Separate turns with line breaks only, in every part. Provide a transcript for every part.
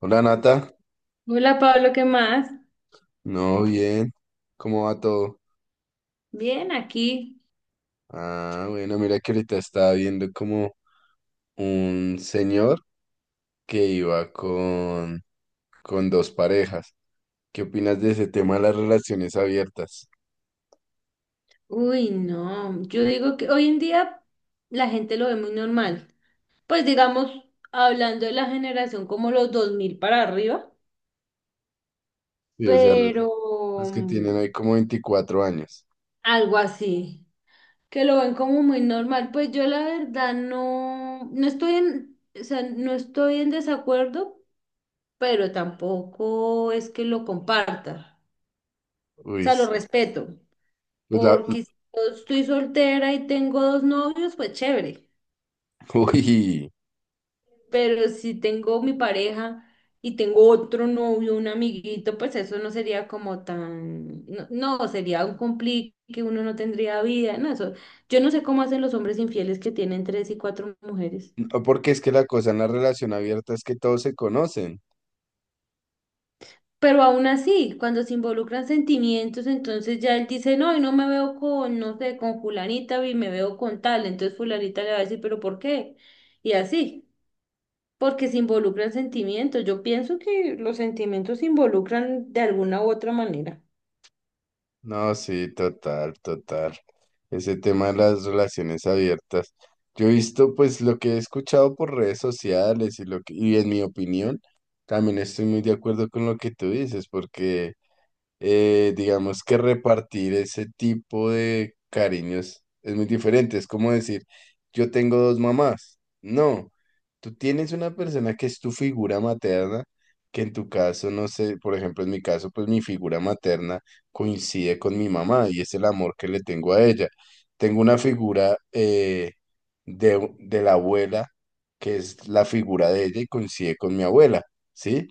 Hola Nata,
Hola Pablo, ¿qué más?
no, bien, ¿cómo va todo?
Bien, aquí.
Ah, bueno, mira que ahorita estaba viendo como un señor que iba con dos parejas. ¿Qué opinas de ese tema de las relaciones abiertas?
Uy, no, yo digo que hoy en día la gente lo ve muy normal. Pues digamos, hablando de la generación como los 2000 para arriba,
Sí, o sea,
pero
los que tienen ahí
mm,
como 24 años.
algo así, que lo ven como muy normal. Pues yo la verdad no estoy en, o sea, no estoy en desacuerdo, pero tampoco es que lo comparta. O
Uy,
sea, lo
sí.
respeto.
Pues la,
Porque si yo estoy soltera y tengo dos novios, pues chévere.
uy,
Pero si tengo mi pareja y tengo otro novio, un amiguito, pues eso no sería como tan, no, no, sería un complique, que uno no tendría vida, no, eso. Yo no sé cómo hacen los hombres infieles que tienen tres y cuatro mujeres.
no, porque es que la cosa en la relación abierta es que todos se conocen.
Pero aún así, cuando se involucran sentimientos, entonces ya él dice, no, y no me veo con, no sé, con fulanita, y me veo con tal. Entonces fulanita le va a decir, pero ¿por qué? Y así. Porque se involucran sentimientos. Yo pienso que los sentimientos se involucran de alguna u otra manera.
No, sí, total, total. Ese tema de las relaciones abiertas. Yo he visto, pues, lo que he escuchado por redes sociales y y en mi opinión, también estoy muy de acuerdo con lo que tú dices, porque digamos que repartir ese tipo de cariños es muy diferente. Es como decir, yo tengo dos mamás. No, tú tienes una persona que es tu figura materna, que en tu caso, no sé, por ejemplo, en mi caso, pues mi figura materna coincide con mi mamá y es el amor que le tengo a ella. Tengo una figura de la abuela, que es la figura de ella y coincide con mi abuela, ¿sí?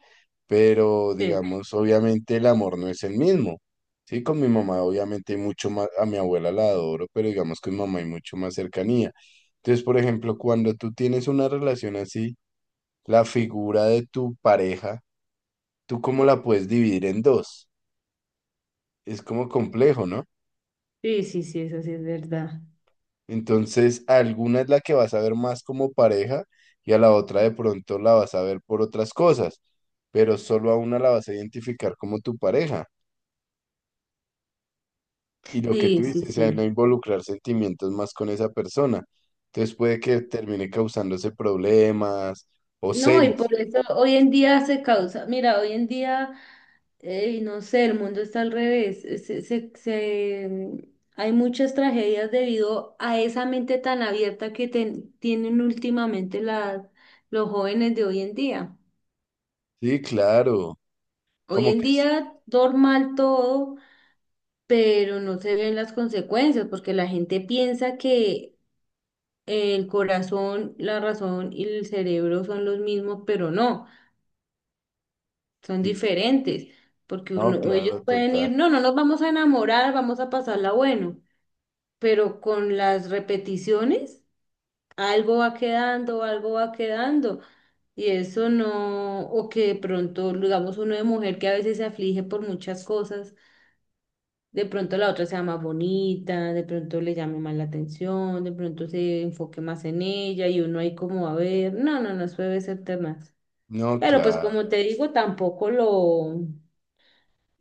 Pero
Sí,
digamos, obviamente el amor no es el mismo. Sí, con mi mamá obviamente hay mucho más, a mi abuela la adoro, pero digamos que mi mamá hay mucho más cercanía. Entonces, por ejemplo, cuando tú tienes una relación así, la figura de tu pareja, ¿tú cómo la puedes dividir en dos? Es como complejo, ¿no?
sí, sí, sí, eso sí es verdad.
Entonces, alguna es la que vas a ver más como pareja y a la otra de pronto la vas a ver por otras cosas, pero solo a una la vas a identificar como tu pareja. Y lo que tú
Sí, sí,
dices, o sea, no
sí.
involucrar sentimientos más con esa persona. Entonces puede que termine causándose problemas o
No, y
celos.
por eso hoy en día se causa, mira, hoy en día, no sé, el mundo está al revés. Hay muchas tragedias debido a esa mente tan abierta que tienen últimamente los jóvenes de hoy en día.
Sí, claro.
Hoy
Como
en
que
día, normal todo, pero no se ven las consecuencias porque la gente piensa que el corazón, la razón y el cerebro son los mismos, pero no, son
sí.
diferentes, porque
No,
ellos
claro,
pueden
total.
ir, no nos vamos a enamorar, vamos a pasarla bueno, pero con las repeticiones algo va quedando, algo va quedando. Y eso no, o que de pronto, digamos, uno de mujer que a veces se aflige por muchas cosas. De pronto la otra sea más bonita, de pronto le llame más la atención, de pronto se enfoque más en ella y uno ahí como a ver, no, no, no, eso debe ser temas.
No,
Pero pues
claro.
como te digo, tampoco lo,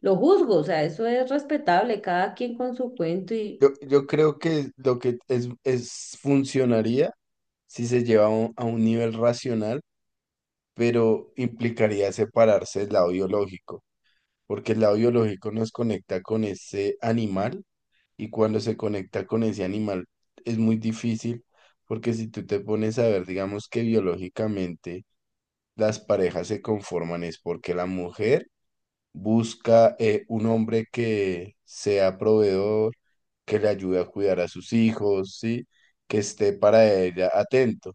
lo juzgo, o sea, eso es respetable, cada quien con su cuento y.
Yo creo que es funcionaría si se lleva a un nivel racional, pero implicaría separarse del lado biológico, porque el lado biológico nos conecta con ese animal y cuando se conecta con ese animal es muy difícil porque si tú te pones a ver, digamos que biológicamente las parejas se conforman es porque la mujer busca un hombre que sea proveedor, que le ayude a cuidar a sus hijos, ¿sí? Que esté para ella atento.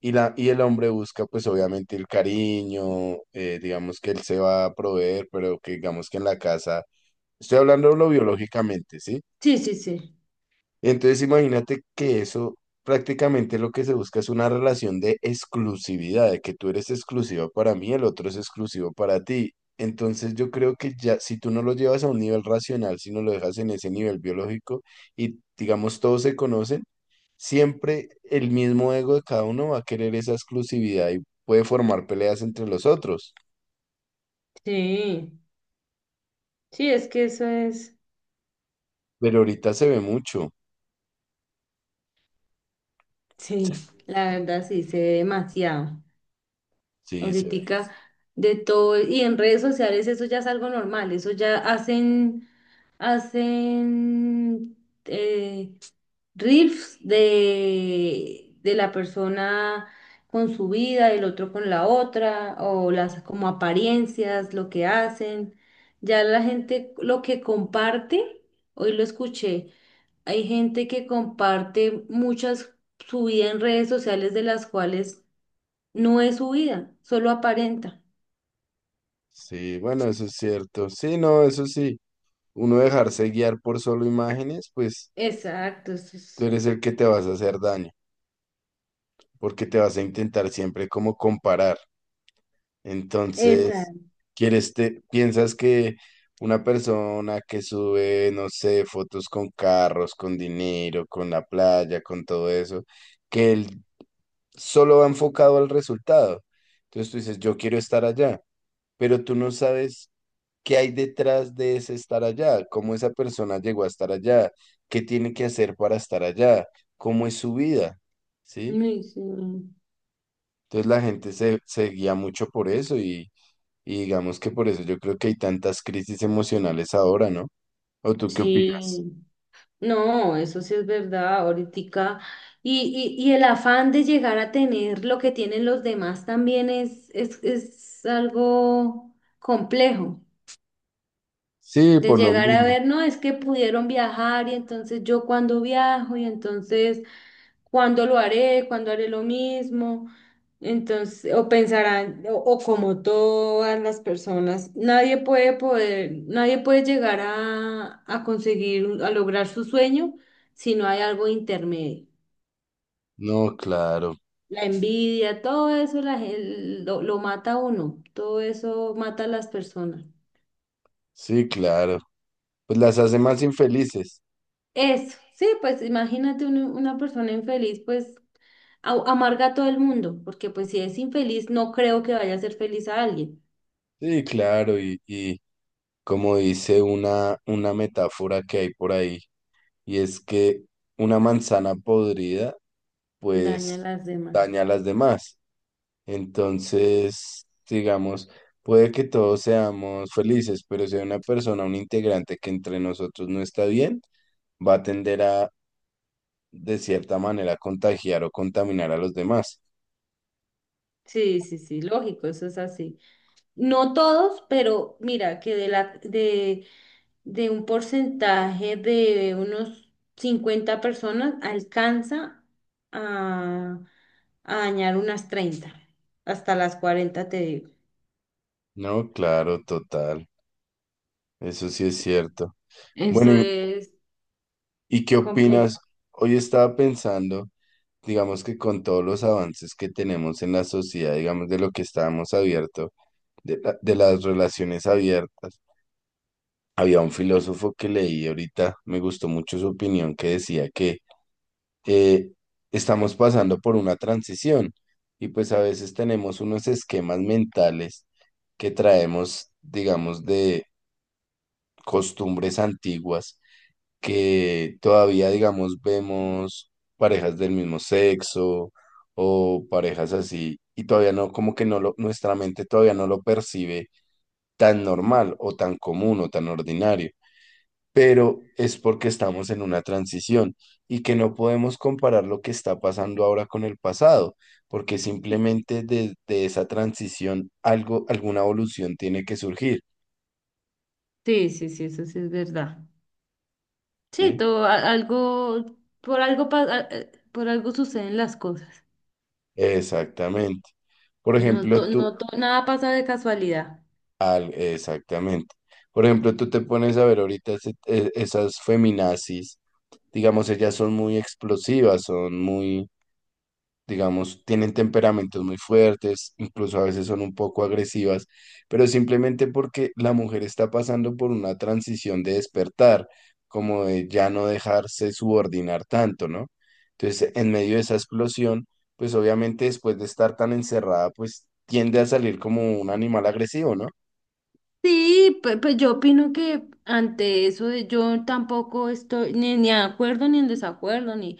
Y, y el hombre busca pues obviamente el cariño, digamos que él se va a proveer, pero que digamos que en la casa, estoy hablando biológicamente, ¿sí?
Sí, sí, sí,
Entonces imagínate que eso prácticamente lo que se busca es una relación de exclusividad, de que tú eres exclusiva para mí, el otro es exclusivo para ti. Entonces yo creo que ya si tú no lo llevas a un nivel racional, si no lo dejas en ese nivel biológico y digamos todos se conocen, siempre el mismo ego de cada uno va a querer esa exclusividad y puede formar peleas entre los otros.
sí, sí, es que eso es,
Pero ahorita se ve mucho.
sí, la verdad sí, sé demasiado.
Sí, se ve.
Ahoritica de todo, y en redes sociales eso ya es algo normal, eso ya hacen, hacen eh, reels de la persona con su vida, el otro con la otra, o las como apariencias, lo que hacen. Ya la gente lo que comparte, hoy lo escuché, hay gente que comparte muchas su vida en redes sociales de las cuales no es su vida, solo aparenta.
Sí, bueno, eso es cierto. Sí, no, eso sí. Uno dejarse guiar por solo imágenes, pues
Exacto, eso
tú
es.
eres el que te vas a hacer daño, porque te vas a intentar siempre como comparar. Entonces,
Exacto.
piensas que una persona que sube, no sé, fotos con carros, con dinero, con la playa, con todo eso, que él solo va enfocado al resultado. Entonces tú dices, yo quiero estar allá, pero tú no sabes, ¿qué hay detrás de ese estar allá? ¿Cómo esa persona llegó a estar allá? ¿Qué tiene que hacer para estar allá? ¿Cómo es su vida? ¿Sí?
Ay, sí,
Entonces la gente se guía mucho por eso y digamos que por eso yo creo que hay tantas crisis emocionales ahora, ¿no? ¿O tú qué opinas?
sí. No, eso sí es verdad, ahorita. Y el afán de llegar a tener lo que tienen los demás también es algo complejo.
Sí,
De
por lo
llegar a
mismo.
ver, no, es que pudieron viajar y entonces yo cuando viajo y entonces, ¿cuándo lo haré? ¿Cuándo haré lo mismo? Entonces, o pensarán, o como todas las personas, nadie puede poder, nadie puede llegar a, conseguir, a lograr su sueño si no hay algo intermedio.
No, claro.
La envidia, todo eso la lo mata a uno, todo eso mata a las personas.
Sí, claro. Pues las hace más infelices.
Eso, sí, pues imagínate una persona infeliz, pues amarga a todo el mundo, porque pues si es infeliz, no creo que vaya a ser feliz a alguien.
Sí, claro. Y como dice una metáfora que hay por ahí, y es que una manzana podrida
Daña a
pues
las demás.
daña a las demás. Entonces, digamos, puede que todos seamos felices, pero si hay una persona, un integrante que entre nosotros no está bien, va a tender a, de cierta manera, contagiar o contaminar a los demás.
Sí, sí, sí, lógico, eso es así. No todos, pero mira que de un porcentaje de unos 50 personas alcanza a, a, dañar unas 30, hasta las 40 te digo.
No, claro, total. Eso sí es cierto. Bueno,
Eso es
y qué
complicado.
opinas? Hoy estaba pensando, digamos que con todos los avances que tenemos en la sociedad, digamos de lo que estábamos abierto, de las relaciones abiertas. Había un filósofo que leí ahorita, me gustó mucho su opinión, que decía que eh, estamos pasando por una transición y pues a veces tenemos unos esquemas mentales que traemos, digamos, de costumbres antiguas, que todavía, digamos, vemos parejas del mismo sexo o parejas así y todavía no, como que no lo, nuestra mente todavía no lo percibe tan normal o tan común o tan ordinario. Pero es porque estamos en una transición y que no podemos comparar lo que está pasando ahora con el pasado, porque simplemente desde esa transición alguna evolución tiene que surgir,
Sí, sí, sí, eso sí es verdad. Sí,
¿sí?
todo algo por algo por algo suceden las cosas.
Exactamente. Por
No to-
ejemplo,
no to- nada pasa de casualidad.
exactamente. Por ejemplo, tú te pones a ver ahorita esas feminazis, digamos, ellas son muy explosivas, son muy, digamos, tienen temperamentos muy fuertes, incluso a veces son un poco agresivas, pero simplemente porque la mujer está pasando por una transición de despertar, como de ya no dejarse subordinar tanto, ¿no? Entonces, en medio de esa explosión, pues obviamente después de estar tan encerrada, pues tiende a salir como un animal agresivo, ¿no?
Sí, pues, yo opino que ante eso yo tampoco estoy ni de acuerdo ni en desacuerdo, ni,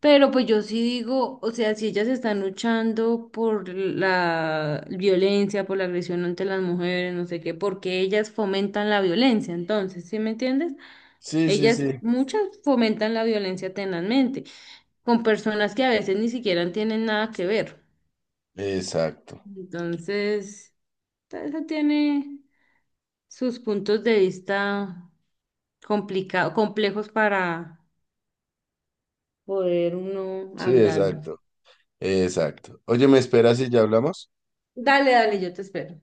pero pues yo sí digo, o sea, si ellas están luchando por la violencia, por la agresión ante las mujeres, no sé qué, porque ellas fomentan la violencia, entonces, ¿sí me entiendes?
Sí, sí,
Ellas,
sí.
muchas fomentan la violencia tenazmente, con personas que a veces ni siquiera tienen nada que ver.
Exacto.
Entonces, eso tiene sus puntos de vista complicados, complejos para poder uno
Sí,
hablarlos.
exacto. Exacto. Oye, ¿me esperas y ya hablamos?
Dale, dale, yo te espero.